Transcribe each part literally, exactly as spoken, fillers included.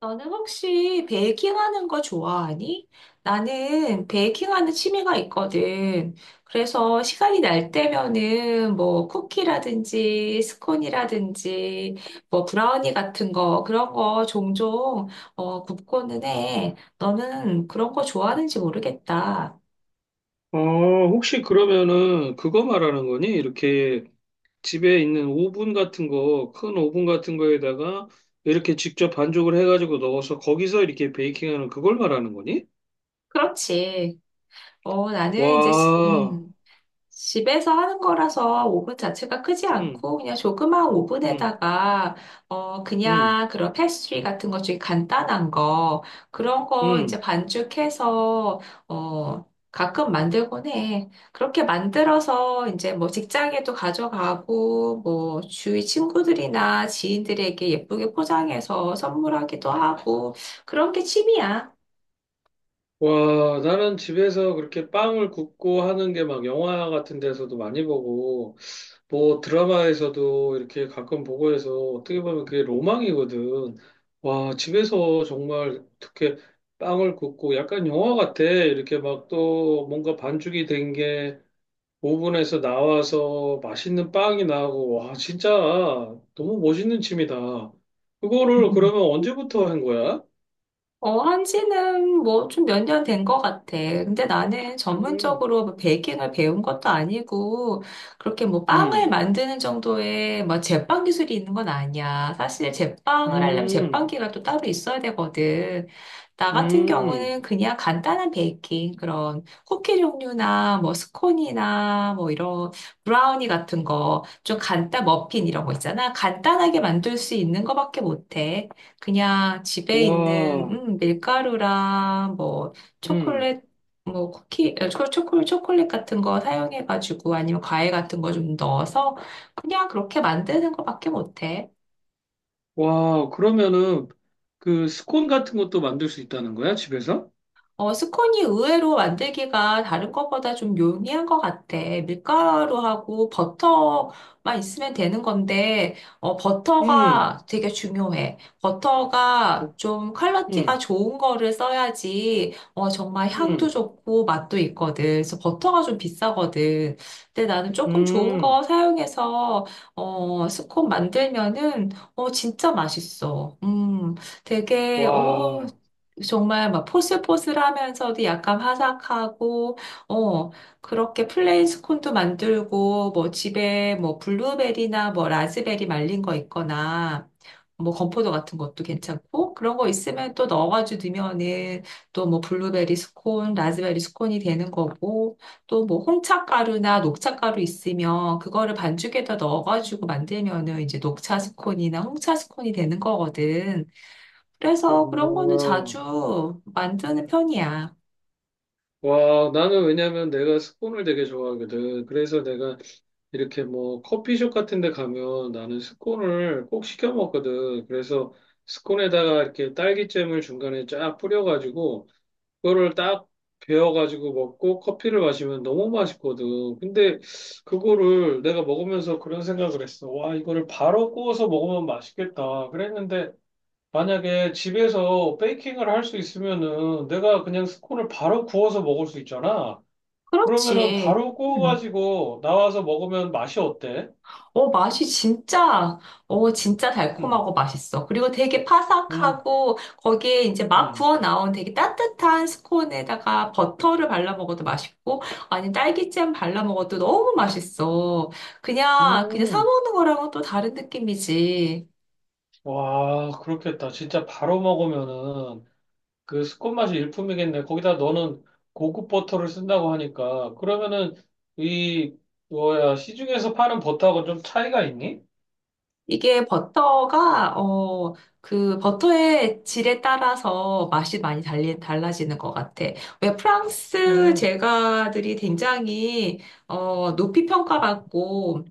너는 혹시 베이킹하는 거 좋아하니? 나는 베이킹하는 취미가 있거든. 그래서 시간이 날 때면은 뭐 쿠키라든지 스콘이라든지 뭐 브라우니 같은 거 그런 거 종종 어, 굽고는 해. 너는 그런 거 좋아하는지 모르겠다. 어, 혹시 그러면은 그거 말하는 거니? 이렇게 집에 있는 오븐 같은 거, 큰 오븐 같은 거에다가 이렇게 직접 반죽을 해가지고 넣어서 거기서 이렇게 베이킹하는 그걸 말하는 거니? 그렇지. 어, 나는 이제, 시- 와, 음. 집에서 하는 거라서 오븐 자체가 크지 음, 않고 그냥 조그마한 음, 오븐에다가 어 음, 그냥 그런 패스트리 같은 것 중에 간단한 거 그런 거 이제 음. 반죽해서 어 가끔 만들곤 해. 그렇게 만들어서 이제 뭐 직장에도 가져가고 뭐 주위 친구들이나 지인들에게 예쁘게 포장해서 선물하기도 하고 그런 게 취미야. 와, 나는 집에서 그렇게 빵을 굽고 하는 게 막 영화 같은 데서도 많이 보고 뭐 드라마에서도 이렇게 가끔 보고 해서 어떻게 보면 그게 로망이거든. 와, 집에서 정말 어떻게 빵을 굽고 약간 영화 같아. 이렇게 막 또 뭔가 반죽이 된 게 오븐에서 나와서 맛있는 빵이 나오고 와, 진짜 너무 멋있는 취미다. 그거를 그러면 언제부터 한 거야? 어, 한지는 뭐 좀 몇 년 된 것 같아. 근데 나는 음, 전문적으로 뭐 베이킹을 배운 것도 아니고, 그렇게 뭐 빵을 음, 만드는 정도의 뭐 제빵 기술이 있는 건 아니야. 사실 제빵을 하려면 음, 제빵기가 또 따로 있어야 되거든. 나 같은 음, 경우는 그냥 간단한 베이킹, 그런 쿠키 종류나 뭐 스콘이나 뭐 이런 브라우니 같은 거, 좀 간단, 머핀 이런 거 있잖아. 간단하게 만들 수 있는 거밖에 못해. 그냥 집에 있는 와, 음, 밀가루랑 뭐 음. 초콜릿 뭐 쿠키 어, 초- 초콜 초콜릿 같은 거 사용해가지고 아니면 과일 같은 거 좀 넣어서 그냥 그렇게 만드는 거밖에 못해. 와, 그러면은 그 스콘 같은 것도 만들 수 있다는 거야, 집에서? 어, 스콘이 의외로 만들기가 다른 것보다 좀 용이한 것 같아. 밀가루하고 버터만 있으면 되는 건데, 어, 음, 버터가 되게 중요해. 버터가 좀 퀄리티가 음, 좋은 거를 써야지, 어, 정말 향도 음, 좋고 맛도 있거든. 그래서 버터가 좀 비싸거든. 근데 나는 조금 좋은 음. 거 사용해서, 어, 스콘 만들면은, 어, 진짜 맛있어. 음, 되게, 어, 와, 정말 막 포슬포슬하면서도 약간 화사하고 어 그렇게 플레인 스콘도 만들고 뭐 집에 뭐 블루베리나 뭐 라즈베리 말린 거 있거나 뭐 건포도 같은 것도 괜찮고 그런 거 있으면 또 넣어가지고 넣으면은 또 뭐 블루베리 스콘, 라즈베리 스콘이 되는 거고 또 뭐 홍차 가루나 녹차 가루 있으면 그거를 반죽에다 넣어가지고 만들면은 이제 녹차 스콘이나 홍차 스콘이 되는 거거든. 그래서 그런 거는 와, 자주 만드는 편이야. 와, 나는 왜냐면 내가 스콘을 되게 좋아하거든. 그래서 내가 이렇게 뭐 커피숍 같은 데 가면 나는 스콘을 꼭 시켜 먹거든. 그래서 스콘에다가 이렇게 딸기잼을 중간에 쫙 뿌려가지고 그거를 딱 베어가지고 먹고 커피를 마시면 너무 맛있거든. 근데 그거를 내가 먹으면서 그런 생각을 했어. 와, 이거를 바로 구워서 먹으면 맛있겠다. 그랬는데 만약에 집에서 베이킹을 할 수 있으면은 내가 그냥 스콘을 바로 구워서 먹을 수 있잖아. 그러면은 그렇지. 바로 음. 구워가지고 나와서 먹으면 맛이 어때? 어, 맛이 진짜, 어, 진짜 음, 달콤하고 맛있어. 그리고 되게 파삭하 음, 고 거기에 이제 막 음. 구워 나온 되게 따뜻한 스콘에다가 버터를 발라 먹어도 맛있고, 아니, 딸기잼 발라 먹어도 너무 맛있어. 그냥, 그냥 사 음, 먹는 거랑은 또 다른 느낌이지. 와, 그렇겠다. 진짜 바로 먹으면은. 그 스콘 맛이 일품이겠네. 거기다 너는 고급 버터를 쓴다고 하니까 그러면은 이 뭐야 시중에서 파는 버터하고 좀 차이가 있니? 이게 버터가, 어, 그 버터의 질에 따라서 맛이 많이 달리, 달라지는 것 같아. 왜 프랑스 음, 제과들이 굉장히, 어, 높이 평가받고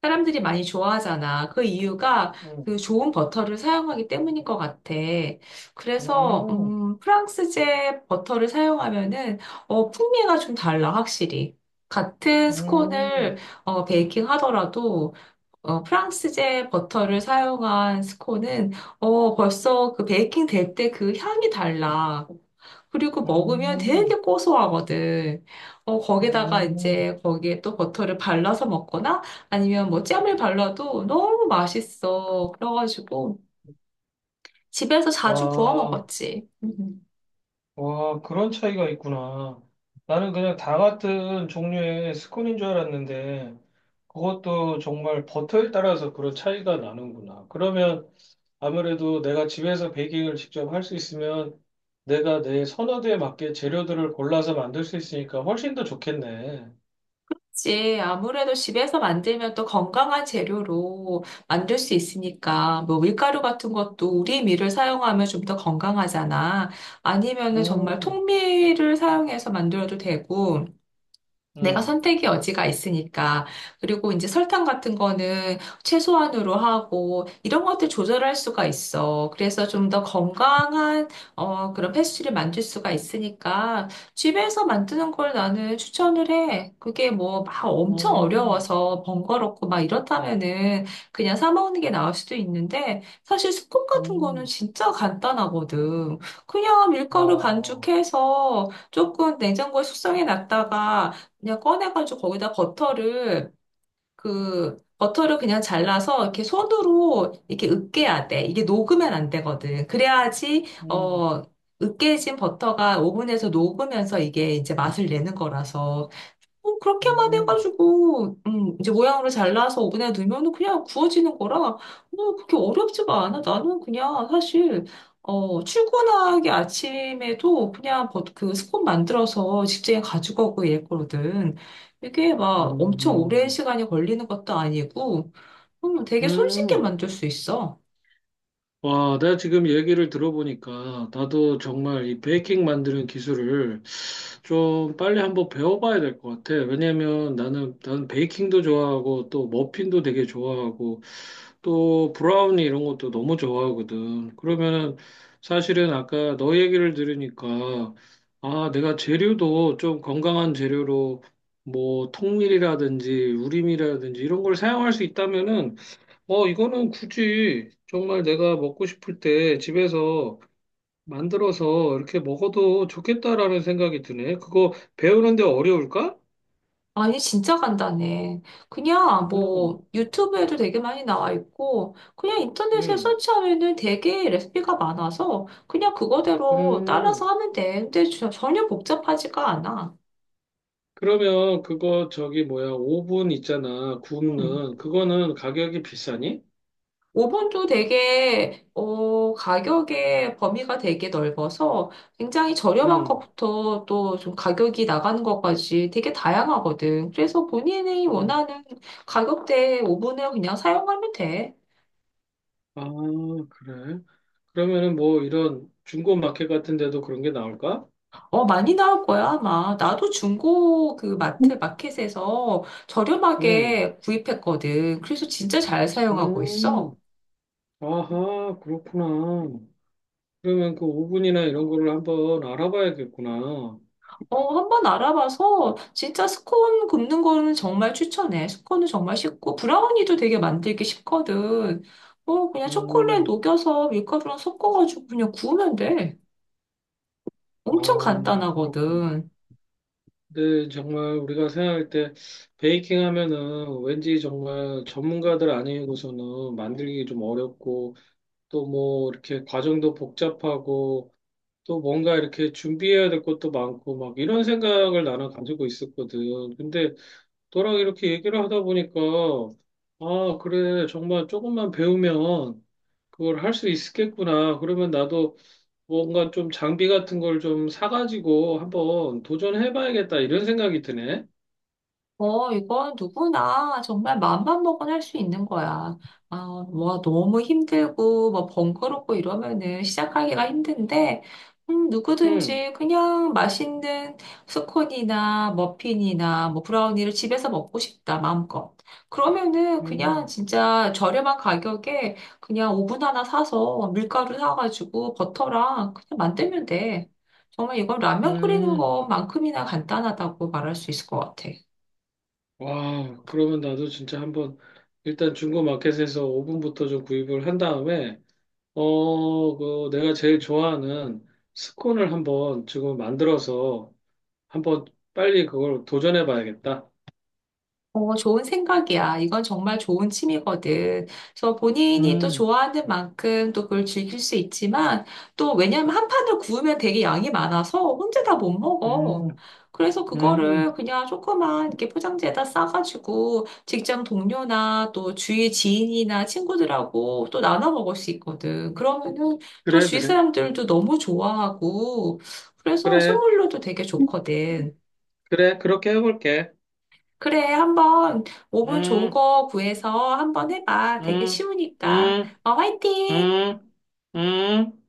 사람들이 많이 좋아하잖아. 그 이유가 그 음, 좋은 버터를 사용하기 때문인 것 같아. 그래서, 음, 음, 프랑스제 버터를 사용하면은, 어, 풍미가 좀 달라, 확실히. 같은 음, 스콘을, 어, 베이킹 하더라도, 어, 프랑스제 버터를 사용한 스콘은 어, 벌써 그 베이킹 될 때 그 향이 달라. 그리고 먹으면 되게 음, 고소하거든. 어, 거기다가 음. 이제 거기에 또 버터를 발라서 먹거나 아니면 뭐 잼을 발라도 너무 맛있어. 그래가지고 집에서 자주 구워 와, 먹었지. 음. 와, 그런 차이가 있구나. 나는 그냥 다 같은 종류의 스콘인 줄 알았는데 그것도 정말 버터에 따라서 그런 차이가 나는구나. 그러면 아무래도 내가 집에서 베이킹을 직접 할 수 있으면 내가 내 선호도에 맞게 재료들을 골라서 만들 수 있으니까 훨씬 더 좋겠네. 그치. 아무래도 집에서 만들면 또 건강한 재료로 만들 수 있으니까, 뭐 밀가루 같은 것도 우리 밀을 사용하면 좀 더 건강하잖아. 아니면은 정말 음, 통밀을 사용해서 만들어도 되고, 내가 음, 선택의 여지가 있으니까. 그리고 이제 설탕 같은 거는 최소한으로 하고, 이런 것들 조절할 수가 있어. 그래서 좀 더 건강한, 어, 그런 패스트리를 만들 수가 있으니까, 집에서 만드는 걸 나는 추천을 해. 그게 뭐 막 엄청 음, 어려워서 번거롭고 막 이렇다면은 그냥 사 먹는 게 나을 수도 있는데, 사실 스콘 같은 거는 음, 진짜 간단하거든. 그냥 밀가루 와, 반죽해서 조금 냉장고에 숙성해 놨다가, 그냥 꺼내가지고 거기다 버터를 그 버터를 그냥 잘라서 이렇게 손으로 이렇게 으깨야 돼. 이게 녹으면 안 되거든. 그래야지 음, 어 으깨진 버터가 오븐에서 녹으면서 이게 이제 맛을 내는 거라서 어, 그렇게만 음, 해가지고, 음, 이제 모양으로 잘라서 오븐에 넣으면 그냥 구워지는 거라, 어, 그렇게 어렵지가 않아. 나는 그냥 사실, 어, 출근하기 아침에도 그냥 버- 그 스콘 만들어서 직장에 가지고 오고 이랬거든. 이게 막 엄청 오랜 음, 시간이 걸리는 것도 아니고, 음, 되게 손쉽게 음. 만들 수 있어. 와, 내가 지금 얘기를 들어보니까 나도 정말 이 베이킹 만드는 기술을 좀 빨리 한번 배워봐야 될 것 같아. 왜냐면 나는, 나는 베이킹도 좋아하고 또 머핀도 되게 좋아하고 또 브라우니 이런 것도 너무 좋아하거든. 그러면 사실은 아까 너 얘기를 들으니까 아, 내가 재료도 좀 건강한 재료로 뭐 통밀이라든지 우림이라든지 이런 걸 사용할 수 있다면은 어, 이거는 굳이 정말 내가 먹고 싶을 때 집에서 만들어서 이렇게 먹어도 좋겠다라는 생각이 드네. 그거 배우는데 어려울까? 아니, 진짜 간단해. 그냥 음, 뭐 유튜브에도 되게 많이 나와 있고, 그냥 인터넷에 음, 서치하면은 되게 레시피가 많아서 그냥 그거대로 따라서 음. 하면 돼. 근데 저- 전혀 복잡하지가 않아. 그러면 그거 저기 뭐야, 오븐 있잖아, 음. 굽는. 그거는 가격이 비싸니? 오븐도 되게, 어, 가격의 범위가 되게 넓어서 굉장히 저렴한 음, 것부터 또 좀 가격이 나가는 것까지 되게 다양하거든. 그래서 본인이 음. 원하는 가격대의 오븐을 그냥 사용하면 돼. 아, 그래. 그러면은 뭐 이런 중고 마켓 같은 데도 그런 게 나올까? 어, 많이 나올 거야, 아마. 나도 중고 그 마트, 마켓에서 음, 저렴하게 구입했거든. 그래서 진짜 잘 사용하고 음. 있어. 아하, 그렇구나. 그러면 그 오븐이나 이런 거를 한번 알아봐야겠구나. 어, 한번 알아봐서 진짜 스콘 굽는 거는 정말 추천해. 스콘은 정말 쉽고, 브라우니도 되게 만들기 쉽거든. 어, 그냥 초콜릿 음, 녹여서 밀가루랑 섞어가지고 그냥 구우면 돼. 아, 엄청 그렇군. 간단하거든. 근데 정말 우리가 생각할 때 베이킹 하면은 왠지 정말 전문가들 아니고서는 만들기 좀 어렵고 또 뭐 이렇게 과정도 복잡하고 또 뭔가 이렇게 준비해야 될 것도 많고 막 이런 생각을 나는 가지고 있었거든. 근데 너랑 이렇게 얘기를 하다 보니까 아, 그래. 정말 조금만 배우면 그걸 할 수 있겠구나. 그러면 나도 뭔가 좀 장비 같은 걸 좀 사가지고 한번 도전해봐야겠다. 이런 생각이 드네. 어, 이건 누구나 정말 맘만 먹으면 할 수 있는 거야. 아, 뭐 너무 힘들고 뭐 번거롭고 이러면은 시작하기가 힘든데, 음, 음, 누구든지 그냥 맛있는 스콘이나 머핀이나 뭐 브라우니를 집에서 먹고 싶다, 마음껏. 그러면은 그냥 음, 진짜 저렴한 가격에 그냥 오븐 하나 사서 밀가루 사가지고 버터랑 그냥 만들면 돼. 정말 이건 라면 끓이는 음. 것만큼이나 간단하다고 말할 수 있을 것 같아. 와, 그러면 나도 진짜 한번 일단 중고마켓에서 오븐부터 좀 구입을 한 다음에, 어, 그 내가 제일 좋아하는 스콘을 한번 지금 만들어서 한번 빨리 그걸 도전해봐야겠다. 어, 좋은 생각이야. 이건 정말 좋은 취미거든. 그래서 본인이 또 음, 좋아하는 만큼 또 그걸 즐길 수 있지만 또 왜냐면 한 판을 구우면 되게 양이 많아서 혼자 다 못 음, 먹어. 그래서 음. 그거를 그냥 조그만 이렇게 포장지에다 싸가지고 직장 동료나 또 주위 지인이나 친구들하고 또 나눠 먹을 수 있거든. 그러면은 또 그래, 주위 그래. 사람들도 너무 좋아하고 그래서 그래, 선물로도 되게 좋거든. 그래. 그렇게 해볼게. 그래, 한번 오븐 좋은 음, 거 구해서 한번 해봐. 되게 음, 쉬우니까. 음, 어, 음, 화이팅! 음. 음.